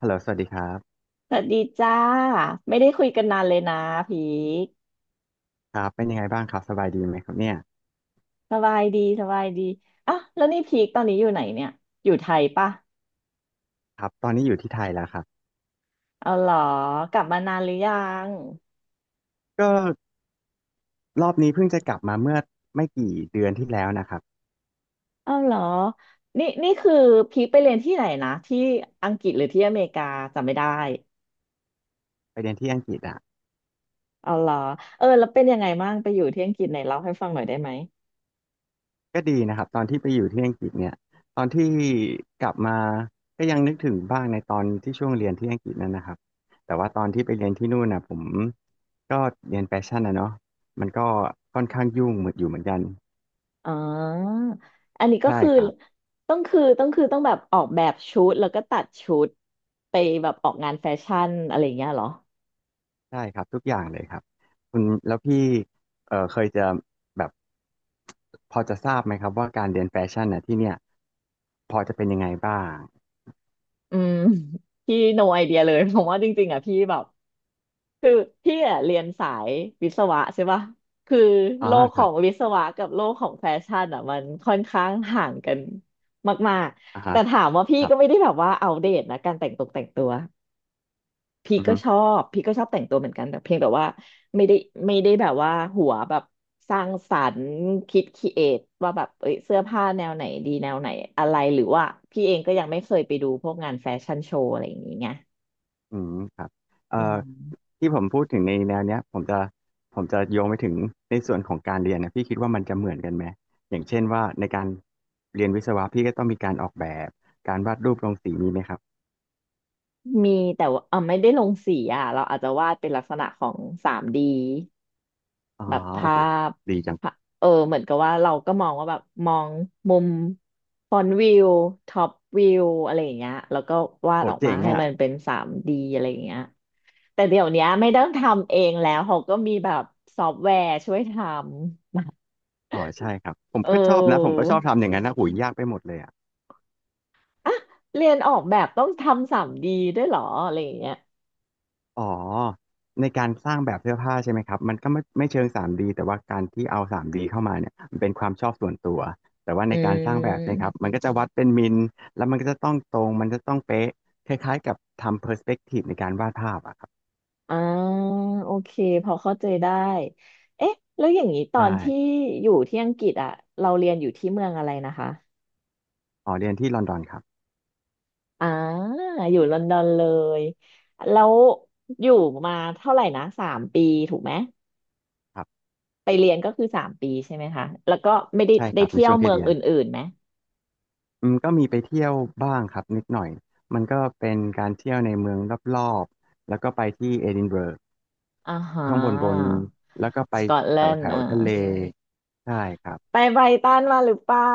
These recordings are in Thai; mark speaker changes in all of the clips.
Speaker 1: ฮัลโหลสวัสดีครับ
Speaker 2: สวัสดีจ้าไม่ได้คุยกันนานเลยนะพีค
Speaker 1: ครับเป็นยังไงบ้างครับสบายดีไหมครับเนี่ย
Speaker 2: สบายดีสบายดีอ่ะแล้วนี่พีคตอนนี้อยู่ไหนเนี่ยอยู่ไทยปะ
Speaker 1: ครับตอนนี้อยู่ที่ไทยแล้วครับ
Speaker 2: เอาเหรอกลับมานานหรือยัง
Speaker 1: ก็รอบนี้เพิ่งจะกลับมาเมื่อไม่กี่เดือนที่แล้วนะครับ
Speaker 2: เอาเหรอนี่คือพีคไปเรียนที่ไหนนะที่อังกฤษหรือที่อเมริกาจำไม่ได้
Speaker 1: ไปเรียนที่อังกฤษอ่ะ
Speaker 2: เอาเหรอเออแล้วเป็นยังไงบ้างไปอยู่ที่อังกฤษไหนเล่าให้ฟังหน่อยได้ไหม
Speaker 1: ก็ดีนะครับตอนที่ไปอยู่ที่อังกฤษเนี่ยตอนที่กลับมาก็ยังนึกถึงบ้างในตอนที่ช่วงเรียนที่อังกฤษนั่นนะครับแต่ว่าตอนที่ไปเรียนที่นู่นนะผมก็เรียนแฟชั่นนะเนาะมันก็ค่อนข้างยุ่งเหมือนอยู่เหมือนกัน
Speaker 2: อ๋ออันนี้ก็
Speaker 1: ใช่
Speaker 2: คือ
Speaker 1: ครับ
Speaker 2: ต้องแบบออกแบบชุดแล้วก็ตัดชุดไปแบบออกงานแฟชั่นอะไรอย่างเงี้ยเหรอ
Speaker 1: ได้ครับทุกอย่างเลยครับคุณแล้วพี่เคยจะแบบพอจะทราบไหมครับว่าการเรียนแฟชั่นน่ะที่เนี่ยพอจะเป็นยังไงบ้าง
Speaker 2: อืม พี่ no idea เลย ผมว่าจริงๆอ่ะพี่แบบคือพี่อ่ะเรียนสายวิศวะใช่ปะคือ
Speaker 1: อ่า
Speaker 2: โลก
Speaker 1: ค
Speaker 2: ข
Speaker 1: รั
Speaker 2: อ
Speaker 1: บ
Speaker 2: งวิศวะกับโลกของแฟชั่นอ่ะมันค่อนข้างห่างกันมาก
Speaker 1: อ่า
Speaker 2: ๆ
Speaker 1: ฮะ
Speaker 2: แต่ถามว่าพี่
Speaker 1: ครับ
Speaker 2: ก็ไม่ได้แบบว่าอัปเดตนะการแต่งตกแต่งตัว
Speaker 1: อือฮึ
Speaker 2: พี่ก็ชอบแต่งตัวเหมือนกันแต่เพียงแต่ว่าไม่ได้ไม่ได้แบบว่าหัวแบบสร้างสรรค์คิดครีเอทว่าแบบเอ้ยเสื้อผ้าแนวไหนดีแนวไหนอะไรหรือว่าพี่เองก็ยังไม่เคยไปดูพวกงานแฟชั่นโชว์อะไรอย่างนี้ไง
Speaker 1: อืมครับเอ่
Speaker 2: อื
Speaker 1: อ
Speaker 2: ม
Speaker 1: ที่ผมพูดถึงในแนวเนี้ยผมจะโยงไปถึงในส่วนของการเรียนนะพี่คิดว่ามันจะเหมือนกันไหมอย่างเช่นว่าในการเรียนวิศวะพี่ก็ต้องมีการออกแบบการวาดรูปลงสีมีไหมครับ
Speaker 2: มีแต่ว่าเออไม่ได้ลงสีอ่ะเราอาจจะวาดเป็นลักษณะของ 3D
Speaker 1: อ๋อ
Speaker 2: แบบ
Speaker 1: โอ้
Speaker 2: ภา
Speaker 1: โห
Speaker 2: พ
Speaker 1: ดีจัง
Speaker 2: ภาเออเหมือนกับว่าเราก็มองว่าแบบมองมุมฟรอนต์วิวท็อปวิวอะไรอย่างเงี้ยแล้วก็วา
Speaker 1: โห
Speaker 2: ดออกมา
Speaker 1: เจ๋ง
Speaker 2: ให้
Speaker 1: อ่ะ
Speaker 2: มันเป็น 3D อะไรอย่างเงี้ยแต่เดี๋ยวเนี้ยไม่ต้องทำเองแล้วเขาก็มีแบบซอฟต์แวร์ช่วยทำ
Speaker 1: อ๋อใช่ครับผม
Speaker 2: เอ
Speaker 1: ก็ชอบนะผม
Speaker 2: อ
Speaker 1: ก็ชอบทำอย่างนั้นนะหุ้ยยากไปหมดเลยอ่ะ
Speaker 2: อ่ะเรียนออกแบบต้องทำ 3D ด้วยเหรออะไรอย่างเงี้ย
Speaker 1: อ๋อในการสร้างแบบเสื้อผ้าใช่ไหมครับมันก็ไม่เชิง 3D แต่ว่าการที่เอา 3D เข้ามาเนี่ยมันเป็นความชอบส่วนตัวแต่ว่า
Speaker 2: อื
Speaker 1: ในการสร้างแบบใช่ไหมครับ
Speaker 2: ม
Speaker 1: มันก็จะวัดเป็นมิลแล้วมันก็จะต้องตรงมันจะต้องเป๊ะคล้ายๆกับทำ perspective ในการวาดภาพอะครับ
Speaker 2: อ่าโอเคพอเข้าใจได้เอ๊ะแล้วอย่างนี้ตอ
Speaker 1: ใช่
Speaker 2: นที่อยู่ที่อังกฤษอ่ะเราเรียนอยู่ที่เมืองอะไรนะคะ
Speaker 1: อ๋อเรียนที่ลอนดอนครับ
Speaker 2: อ่าอยู่ลอนดอนเลยแล้วอยู่มาเท่าไหร่นะสามปีถูกไหม
Speaker 1: ครับ
Speaker 2: ไปเรียนก็คือสามปีใช่ไหมคะแล้วก็ไม่ได้
Speaker 1: ใช่ค
Speaker 2: ได้
Speaker 1: รับใน
Speaker 2: เที่ยว
Speaker 1: ช่วง
Speaker 2: เมื
Speaker 1: ที่
Speaker 2: อง
Speaker 1: เรีย
Speaker 2: อ
Speaker 1: น
Speaker 2: ื่นๆไหม
Speaker 1: อืมก็มีไปเที่ยวบ้างครับนิดหน่อยมันก็เป็นการเที่ยวในเมืองรอบๆแล้วก็ไปที่เอดินบะระ
Speaker 2: อ่าฮ
Speaker 1: ข้างบน
Speaker 2: ะ
Speaker 1: แล้วก็ไป
Speaker 2: สกอตแล
Speaker 1: แถว
Speaker 2: น
Speaker 1: แถ
Speaker 2: ด์
Speaker 1: ว
Speaker 2: อ่า
Speaker 1: ทะเลใช่ครับ
Speaker 2: ไปไบรตันมาหรือเปล่า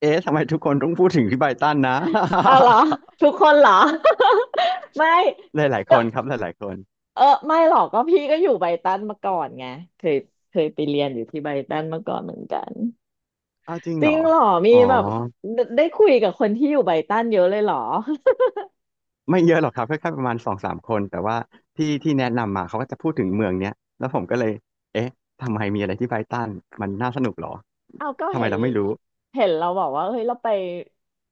Speaker 1: เอ๊ะทำไมทุกคนต้องพูดถึงพี่ไบตันนะ
Speaker 2: เอาเหรอ ทุกคนเหรอ ไม่
Speaker 1: หลายๆคนครับหลายๆคน
Speaker 2: เออไม่หรอกก็พี่ก็อยู่ไบรตันมาก่อนไงเคยเคยไปเรียนอยู่ที่ไบรตันมาก่อนเหมือนกัน
Speaker 1: อ้าวจริง
Speaker 2: จ
Speaker 1: เห
Speaker 2: ริ
Speaker 1: รอ
Speaker 2: งเหรอมี
Speaker 1: อ๋อ
Speaker 2: แบบได้คุยกับคนที่อยู่ไบรตันเยอะเลยเหรอ
Speaker 1: ไม่เยอะหรอกครับแค่ประมาณสองสามคนแต่ว่าที่แนะนำมาเขาก็จะพูดถึงเมืองเนี้ยแล้วผมก็เลยเอ๊ะทำไมมีอะไรที่ไบรตันมันน่าสนุกเหรอ
Speaker 2: เอาก็
Speaker 1: ทำไม
Speaker 2: เห็น
Speaker 1: เราไม่รู้
Speaker 2: เราบอกว่าเฮ้ยเราไป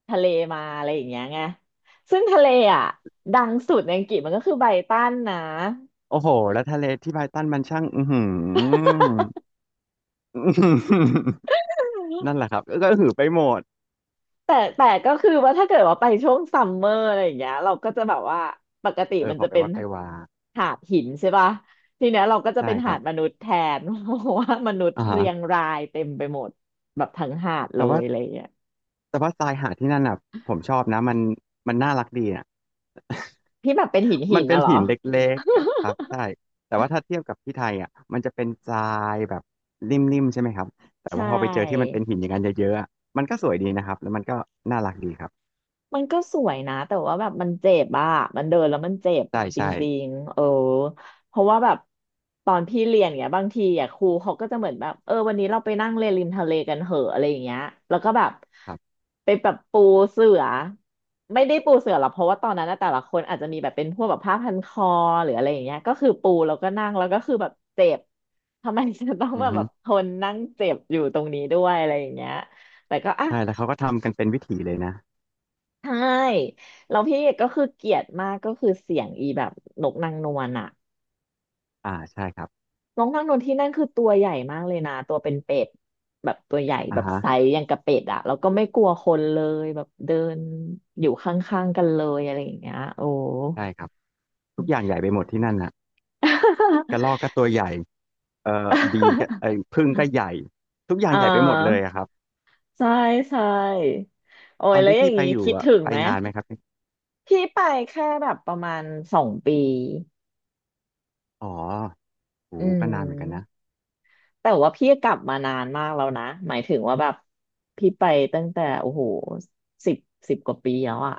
Speaker 2: ทะเลมาอะไรอย่างเงี้ยไงซึ่งทะเลอ่ะดังสุดในอังกฤษมันก็คือไบรตันนะ
Speaker 1: โอ้โหแล้วทะเลที่ไบรตันมันช่างอือหืออื้อหือ นั่นแหละครับก็ก็หือไปหมด
Speaker 2: แต่ก็คือว่าถ้าเกิดว่าไปช่วงซัมเมอร์อะไรอย่างเงี้ยเราก็จะแบบว่าปกติ
Speaker 1: เออ
Speaker 2: มัน
Speaker 1: พอ
Speaker 2: จะ
Speaker 1: ไป
Speaker 2: เป็น
Speaker 1: วัดไปวา
Speaker 2: หาดหินใช่ป่ะทีเนี้ยเราก็จะ
Speaker 1: ใช่
Speaker 2: เป็น
Speaker 1: ค
Speaker 2: หา
Speaker 1: รั
Speaker 2: ด
Speaker 1: บ
Speaker 2: มนุษย์แทน เพราะว่ามนุษย์
Speaker 1: อ่าฮะ
Speaker 2: เรียงรายเต็มไปหมดแบบทั้งหาดเล
Speaker 1: แต่
Speaker 2: ย
Speaker 1: ว่า
Speaker 2: อะไรอย่างเงี้ย
Speaker 1: แต่ว่าทรายหาดที่นั่นอ่ะผมชอบนะมันมันน่ารักดีอ่ะ
Speaker 2: พี่แบบเป็นหินหิ
Speaker 1: มัน
Speaker 2: น
Speaker 1: เป็
Speaker 2: นะ
Speaker 1: น
Speaker 2: เหรอ
Speaker 1: หินเล็กๆอะครับใช่แต่ว่าถ้าเทียบกับที่ไทยอ่ะมันจะเป็นทรายแบบนิ่มๆใช่ไหมครับแต่
Speaker 2: ใช่
Speaker 1: ว่าพอไปเจอที่มันเป็นหินอย่างนั้นเยอะๆอะมันก็สวยดีนะครับแล้วมันก็น่ารักดีครับ
Speaker 2: มันก็สวยนะแต่ว่าแบบมันเจ็บอะมันเดินแล้วมันเจ็บ
Speaker 1: ใช่
Speaker 2: จ
Speaker 1: ใช่
Speaker 2: ริงๆเออเพราะว่าแบบตอนพี่เรียนเนี้ยบางทีอ่ะครูเขาก็จะเหมือนแบบเออวันนี้เราไปนั่งเล่นริมทะเลกันเหอะอะไรอย่างเงี้ยแล้วก็แบบ
Speaker 1: ครับ
Speaker 2: ไปแบบปูเสือไม่ได้ปูเสือหรอกเพราะว่าตอนนั้นนะแต่ละคนอาจจะมีแบบเป็นพวกแบบผ้าพันคอหรืออะไรอย่างเงี้ยก็คือปูแล้วก็นั่งแล้วก็คือแบบเจ็บทำไมจะต้อง
Speaker 1: อือ
Speaker 2: มาแบ
Speaker 1: ฮึ
Speaker 2: บทนนั่งเจ็บอยู่ตรงนี้ด้วยอะไรอย่างเงี้ยแต่ก็อ่ะ
Speaker 1: ใช่แล้วเขาก็ทำกันเป็นวิถีเลยนะ
Speaker 2: ใช่แล้วก็คือเกลียดมากก็คือเสียงอีแบบนกนางนวลอะ
Speaker 1: อ่าใช่ครับ
Speaker 2: นกนางนวลที่นั่นคือตัวใหญ่มากเลยนะตัวเป็นเป็ดแบบตัวใหญ่
Speaker 1: อ่า
Speaker 2: แบบ
Speaker 1: ฮะ
Speaker 2: ไซส์อย่างกับเป็ดอะแล้วก็ไม่กลัวคนเลยแบบเดินอยู่ข้างๆกันเลยอะไรอย่างเงี้ยโอ้
Speaker 1: ใช่ครับทุกอย่างใหญ่ไปหมดที่นั่นอ่ะกระรอกก็ตัวใหญ่บีก็ ผึ้งก็ใหญ่ทุกอย่า
Speaker 2: อ่
Speaker 1: งใหญ่ไปหมดเลย
Speaker 2: า
Speaker 1: อะครับ
Speaker 2: ใช่ใช่โอ้
Speaker 1: ต
Speaker 2: ย
Speaker 1: อน
Speaker 2: แล้ว
Speaker 1: ที่
Speaker 2: อย่า
Speaker 1: พี่
Speaker 2: ง
Speaker 1: ไป
Speaker 2: งี้
Speaker 1: อยู่
Speaker 2: คิด
Speaker 1: อะ
Speaker 2: ถึง
Speaker 1: ไป
Speaker 2: ไหม
Speaker 1: นานไหมครับ
Speaker 2: พี่ไปแค่แบบประมาณ2 ปี
Speaker 1: อ๋อโห
Speaker 2: อื
Speaker 1: ก็นานเหมือนกันนะ
Speaker 2: ม แต่ว่าพี่กลับมานานมากแล้วนะหมายถึงว่าแบบพี่ไปตั้งแต่โอ้โหสิบ10 กว่าปีแล้วอะ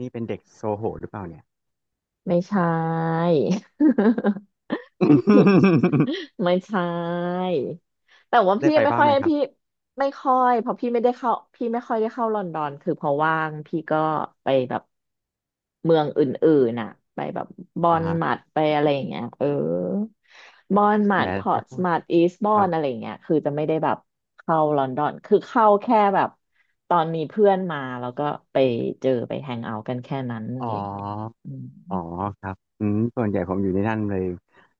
Speaker 1: นี่เป็นเด็กโซโหหรือเปล่าเนี่ย
Speaker 2: ไม่ใช่ พี่ ไม่ใช่แต่ว่า
Speaker 1: ได้ไปบ้างไหมครับ
Speaker 2: พี่ไม่ค่อยเพราะพี่ไม่ค่อยได้เข้าลอนดอนคือพอว่างพี่ก็ไปแบบเมืองอื่นๆน่ะไปแบบบอ
Speaker 1: อ่า
Speaker 2: น
Speaker 1: ฮะ
Speaker 2: มัดไปอะไรอย่างเงี้ยเออบอนมั
Speaker 1: แหม
Speaker 2: ดพอร์
Speaker 1: ก็
Speaker 2: ตส
Speaker 1: พูด
Speaker 2: มัดอีสบอ
Speaker 1: ครั
Speaker 2: น
Speaker 1: บ
Speaker 2: อะไรอย่างเงี้ยคือจะไม่ได้แบบเข้าลอนดอนคือเข้าแค่แบบตอนมีเพื่อนมาแล้วก็ไปเจอไปแฮงเอาท์กันแค่นั้นอะ
Speaker 1: อ๋
Speaker 2: ไรอย่างเงี้ย
Speaker 1: อ
Speaker 2: อืม
Speaker 1: อ๋อครับอืมส่วนใหญ่ผมอยู่ในนั่นเลย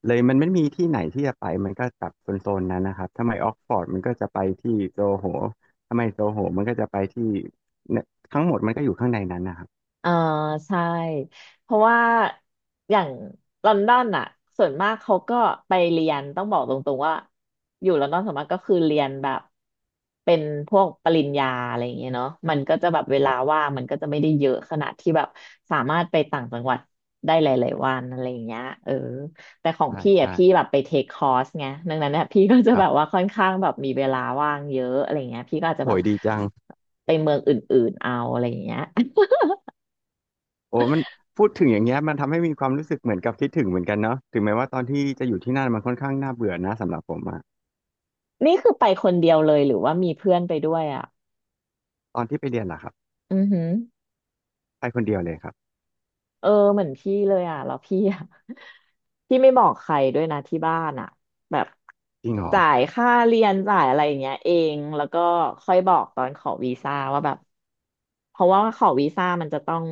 Speaker 1: เลยมันไม่มีที่ไหนที่จะไปมันก็จับโซนๆนั้นนะครับถ้าไม่ออกฟอร์ดมันก็จะไปที่โซโหถ้าไม่โซโหมันก็จะไปที่เนี่ยทั้งหมดมันก็อยู่ข้างในนั้นนะครับ
Speaker 2: อ่าใช่เพราะว่าอย่างลอนดอนอ่ะส่วนมากเขาก็ไปเรียนต้องบอกตรงๆว่าอยู่ลอนดอนส่วนมากก็คือเรียนแบบเป็นพวกปริญญาอะไรอย่างเงี้ยเนาะมันก็จะแบบเว
Speaker 1: ค
Speaker 2: ลา
Speaker 1: รับ
Speaker 2: ว่างมันก็จะไม่ได้เยอะขนาดที่แบบสามารถไปต่างจังหวัดได้หลายๆวันอะไรอย่างเงี้ยเออแต่ของ
Speaker 1: ใช่
Speaker 2: พี่อ่ะ
Speaker 1: ใช่
Speaker 2: พี่แบบไปเทคคอร์สไงดังนั้นเนี่ยพี่ก็จะ
Speaker 1: ค
Speaker 2: แบ
Speaker 1: รั
Speaker 2: บว่า
Speaker 1: บ
Speaker 2: ค่อนข้างแบบมีเวลาว่างเยอะอะไรอย่างเงี้ยพี่ก็อาจจะ
Speaker 1: โห
Speaker 2: แบบ
Speaker 1: ยดีจัง
Speaker 2: ไปเมืองอื่นๆเอาอะไรอย่างเงี้ย
Speaker 1: โอ้มันพูดถึงอย่างเงี้ยมันทำให้มีความรู้สึกเหมือนกับคิดถึงเหมือนกันเนาะถึงแม้ว่าตอนที่จะอยู่ที่นั่นมันค่อนข้างน่าเบื่อนะสำหรับผมอะ
Speaker 2: นี่คือไปคนเดียวเลยหรือว่ามีเพื่อนไปด้วยอ่ะ
Speaker 1: ตอนที่ไปเรียนล่ะครับ
Speaker 2: อือหือ
Speaker 1: ไปคนเดียวเลยครับ
Speaker 2: เออเหมือนพี่เลยอ่ะแล้วพี่อ่ะ พี่ไม่บอกใครด้วยนะที่บ้านอ่ะแบบ
Speaker 1: จริงเหรอ
Speaker 2: จ่ายค่าเรียนจ่ายอะไรอย่างเงี้ยเองแล้วก็ค่อยบอกตอนขอวีซ่าว่าแบบเพราะว่าขอวีซ่ามันจะต้อง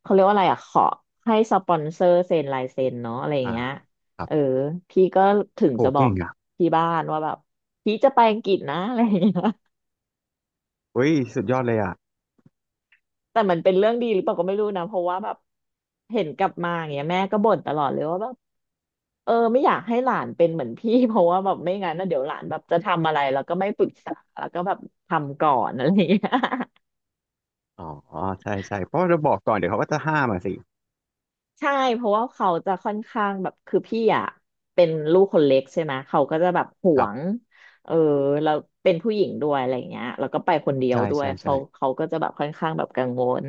Speaker 2: เขาเรียกว่าอะไรอ่ะขอให้สปอนเซอร์เซ็นลายเซ็นเนาะอะไรอย่าง
Speaker 1: อ่า
Speaker 2: เงี้ย
Speaker 1: ครั
Speaker 2: เออ
Speaker 1: บ
Speaker 2: พี่ก็ถึง
Speaker 1: โห
Speaker 2: จะบอ
Speaker 1: เก่
Speaker 2: ก
Speaker 1: งอ่ะ
Speaker 2: ที่บ้านว่าแบบพี่จะไปอังกฤษนะ อะไรอย่างเงี้ย
Speaker 1: เฮ้ยสุดยอดเลยอ่ะ
Speaker 2: แต่มันเป็นเรื่องดีหรือเปล่าก็ไม่รู้นะเพราะว่าแบบเห็นกลับมาอย่างเงี้ยแม่ก็บ่นตลอดเลยว่าแบบเออไม่อยากให้หลานเป็นเหมือนพี่ เพราะว่าแบบไม่งั้นนะเดี๋ยวหลานแบบจะทำอะไรแล้วก็ไม่ปรึกษาแล้วก็แบบทำก่อนอะไรอย่างเงี้ย
Speaker 1: อ๋อใช่ใช่เพราะว่าเราบอกก่อนเดี๋ยวเขาก็จะห้ามมาสิ
Speaker 2: ใช่เพราะว่าเขาจะค่อนข้างแบบคือพี่อ่ะเป็นลูกคนเล็กใช่ไหมเขาก็จะแบบห
Speaker 1: ค
Speaker 2: ว
Speaker 1: รั
Speaker 2: ง
Speaker 1: บ
Speaker 2: เออแล้วเป็นผู้หญิงด้วยอะไรเงี้ยแล้วก็ไปคนเดียว
Speaker 1: ใช่
Speaker 2: ด้วย
Speaker 1: ใช่
Speaker 2: เขา
Speaker 1: ใช่
Speaker 2: เขาก็จะแบบค่อนข้างแบบกังวล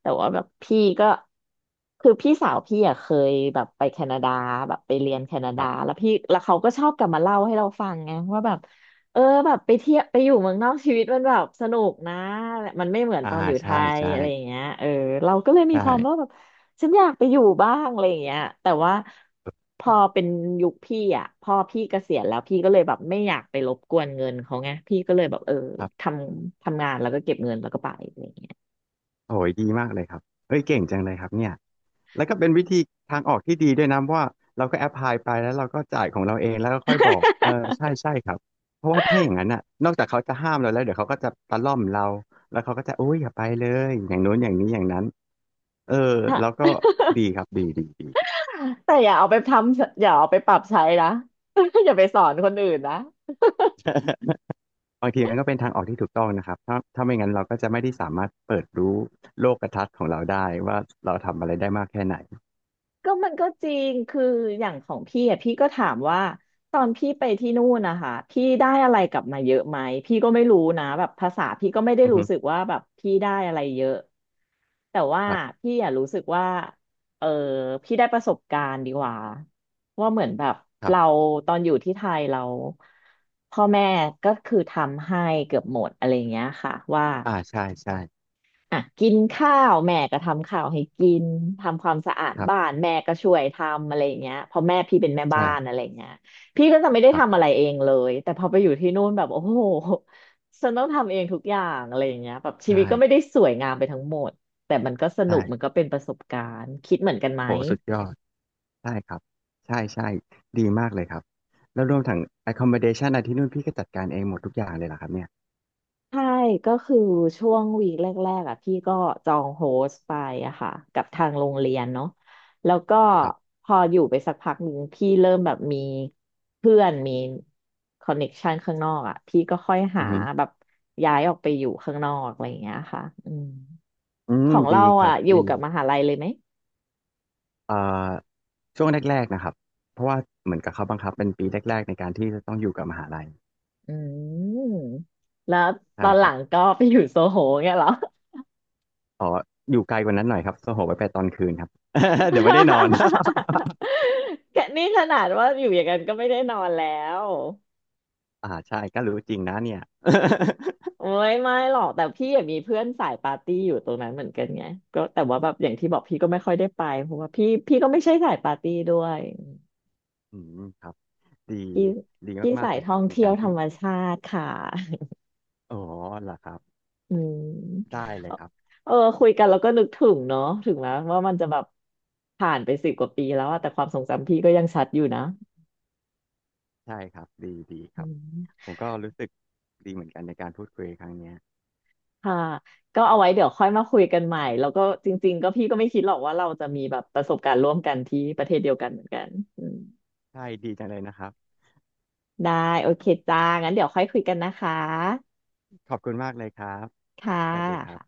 Speaker 2: แต่ว่าแบบพี่ก็คือพี่สาวพี่อ่ะเคยแบบไปแคนาดาแบบไปเรียนแคนา
Speaker 1: ค
Speaker 2: ดา
Speaker 1: รับ
Speaker 2: แล้วพี่แล้วเขาก็ชอบกลับมาเล่าให้เราฟังไงว่าแบบเออแบบไปเที่ยวไปอยู่เมืองนอกชีวิตมันแบบสนุกนะมันไม่เหมือน
Speaker 1: อ่า
Speaker 2: ตอนอยู่ไท
Speaker 1: ใช่
Speaker 2: ย
Speaker 1: ใช่
Speaker 2: อะไรอย่างเงี้ยเออเราก็เลยมีความว่า
Speaker 1: ใช่
Speaker 2: แบบ ฉันอยากไปอยู่บ้างอะไรอย่างเงี้ยแต่ว่า
Speaker 1: ค
Speaker 2: พอ
Speaker 1: ร
Speaker 2: เป็นยุคพี่อ่ะพอพี่เกษียณแล้วพี่ก็เลยแบบไม่อยากไปรบกวนเงินเขาไงพี่ก็เลยแบบเออ
Speaker 1: ับ
Speaker 2: ททำงานแล้วก็เก็บเงินแล้วก็ไปอะไรอย่างเงี้ย
Speaker 1: โอ้ยดีมากเลยครับเอ้ยเก่งจังเลยครับเนี่ยแล้วก็เป็นวิธีทางออกที่ดีด้วยนะเพราะว่าเราก็แอพพลายไปแล้วเราก็จ่ายของเราเองแล้วก็ค่อยบอกเออใช่ใช่ครับเพราะว่าถ้าอย่างนั้นน่ะนอกจากเขาจะห้ามเราแล้วเดี๋ยวเขาก็จะตะล่อมเราแล้วเขาก็จะโอ้ยอย่าไปเลยอย่างโน้นอย่างนี้อย่างนั้นเออแล้วก็ดีครับดีดีดี
Speaker 2: แต่อย่าเอาไปทำอย่าเอาไปปรับใช้นะ อย่าไปสอนคนอื่นนะ
Speaker 1: บางทีมันก็เป็นทางออกที่ถูกต้องนะครับถ้าไม่งั้นเราก็จะไม่ได้สามารถเปิดรู้โลกทัศน์ของเราได้ว่าเราทำอะไรได้มากแค่ไหน
Speaker 2: ก็มันก็จริง คืออย่างของพี่อ่ะพี่ก็ถามว่าตอนพี่ไปที่นู่นนะคะพี่ได้อะไรกลับมาเยอะไหมพี่ก็ไม่รู้นะแบบภาษาพี่ก็ไม่ได้
Speaker 1: อือ
Speaker 2: รู้
Speaker 1: ฮึ
Speaker 2: สึกว่าแบบพี่ได้อะไรเยอะแต่ว่า
Speaker 1: ครับ
Speaker 2: พี่อ่ะรู้สึกว่าเออพี่ได้ประสบการณ์ดีกว่าว่าเหมือนแบบ
Speaker 1: ครั
Speaker 2: เรา
Speaker 1: บ
Speaker 2: ตอนอยู่ที่ไทยเราพ่อแม่ก็คือทำให้เกือบหมดอะไรอย่างเงี้ยค่ะว่า
Speaker 1: อ่าใช่ใช่
Speaker 2: อ่ะกินข้าวแม่ก็ทำข้าวให้กินทำความสะอาด
Speaker 1: ครั
Speaker 2: บ้า
Speaker 1: บ
Speaker 2: นแม่ก็ช่วยทำอะไรอย่างเงี้ยเพราะแม่พี่เป็นแม่บ้า
Speaker 1: ใช่
Speaker 2: นอะไรอย่างเงี้ยพี่ก็จะไม่ได้
Speaker 1: ครั
Speaker 2: ทำอะ
Speaker 1: บ
Speaker 2: ไรเองเลยแต่พอไปอยู่ที่นู่นแบบโอ้โหฉันต้องทำเองทุกอย่างอะไรอย่างเงี้ยแบบ
Speaker 1: ใช
Speaker 2: ชีวิตก็ไม่ได้
Speaker 1: ่
Speaker 2: สวยงามไปทั้งหมดแต่มันก็สนุกมันก็
Speaker 1: ใช่
Speaker 2: เป็นประสบการณ์คิดเหมือนกันไหม
Speaker 1: โหสุดยอดใช่ครับใช่ใช่ดีมากเลยครับแล้วรวมถึง accommodation อะไรที่นู่นพี่ก็จัดการเองหมดทุกอย่างเลยเหรอครับเนี่ย
Speaker 2: ใช่ก็คือช่วงวีคแรกๆอ่ะพี่ก็จองโฮสต์ไปอะค่ะกับทางโรงเรียนเนาะแล้วก็
Speaker 1: ครับ
Speaker 2: พออยู่ไปสักพักหนึ่งพี่เริ่มแบบมีเพื่อนมีคอนเน็กชันข้างนอกอ่ะพี่ก็ค่อยหา
Speaker 1: อือฮึ
Speaker 2: แบบย้ายออกไปอยู่ข้างนอกอะไรอย่างเงี้ยค่ะอืม
Speaker 1: อืม
Speaker 2: ของ
Speaker 1: ดี
Speaker 2: เรา
Speaker 1: ครั
Speaker 2: อ่ะ
Speaker 1: บ
Speaker 2: อยู่
Speaker 1: ดี
Speaker 2: กับมหาลัยเลยไหม
Speaker 1: เอ่อช่วงแรกๆนะครับเพราะว่าเหมือนกับเขาบังคับเป็นปีแรกๆในการที่จะต้องอยู่กับมหาลัย
Speaker 2: อืมแล้วต
Speaker 1: ใช่
Speaker 2: อน
Speaker 1: ค
Speaker 2: หลั
Speaker 1: รับ
Speaker 2: งก็ไปอยู่โซโหเงี้ยเหรอ
Speaker 1: อ๋ออยู่ไกลกว่านั้นหน่อยครับโซโหไปไปตอนคืนครับ เดี๋ยวไม่ได้นอน
Speaker 2: แกนี่ขนาดว่าอยู่อย่างนั้นก็ไม่ได้นอนแล้ว
Speaker 1: อ่าใช่ก็รู้จริงนะเนี่ย
Speaker 2: โอ้ยไม่หรอกแต่พี่อะมีเพื่อนสายปาร์ตี้อยู่ตรงนั้นเหมือนกันไงก็แต่ว่าแบบอย่างที่บอกพี่ก็ไม่ค่อยได้ไปเพราะว่าพี่ก็ไม่ใช่สายปาร์ตี้ด้วย
Speaker 1: อืมครับดี
Speaker 2: พี่
Speaker 1: ดี
Speaker 2: พี่
Speaker 1: มาก
Speaker 2: สา
Speaker 1: ๆ
Speaker 2: ย
Speaker 1: เลย
Speaker 2: ท่
Speaker 1: ค
Speaker 2: อ
Speaker 1: รับ
Speaker 2: ง
Speaker 1: ใน
Speaker 2: เที่ย
Speaker 1: กา
Speaker 2: ว
Speaker 1: ร
Speaker 2: ธร
Speaker 1: ที่
Speaker 2: รมชาติค่ะ
Speaker 1: อ๋อเหรอครับ
Speaker 2: อืม
Speaker 1: ได้เลยครับ
Speaker 2: เออคุยกันแล้วก็นึกถึงเนาะถึงแม้ว่ามันจะแบบผ่านไปสิบกว่าปีแล้วอะแต่ความทรงจำพี่ก็ยังชัดอยู่นะ
Speaker 1: ใช่ครับ ดีดีค
Speaker 2: อื
Speaker 1: รับ
Speaker 2: ม
Speaker 1: ผมก็รู้สึกดีเหมือนกันในการพูดคุยครั้งเนี้ย
Speaker 2: ค่ะก็เอาไว้เดี๋ยวค่อยมาคุยกันใหม่แล้วก็จริงๆก็พี่ก็ไม่คิดหรอกว่าเราจะมีแบบประสบการณ์ร่วมกันที่ประเทศเดียวกันเหมือนกันอืม
Speaker 1: ใช่ดีจังเลยนะครับ
Speaker 2: ได้โอเคจ้า งั้นเดี๋ยวค่อยคุยกันนะคะ
Speaker 1: ขอบคุณมากเลยครับ
Speaker 2: ค่
Speaker 1: สวัสดีครับ
Speaker 2: ะ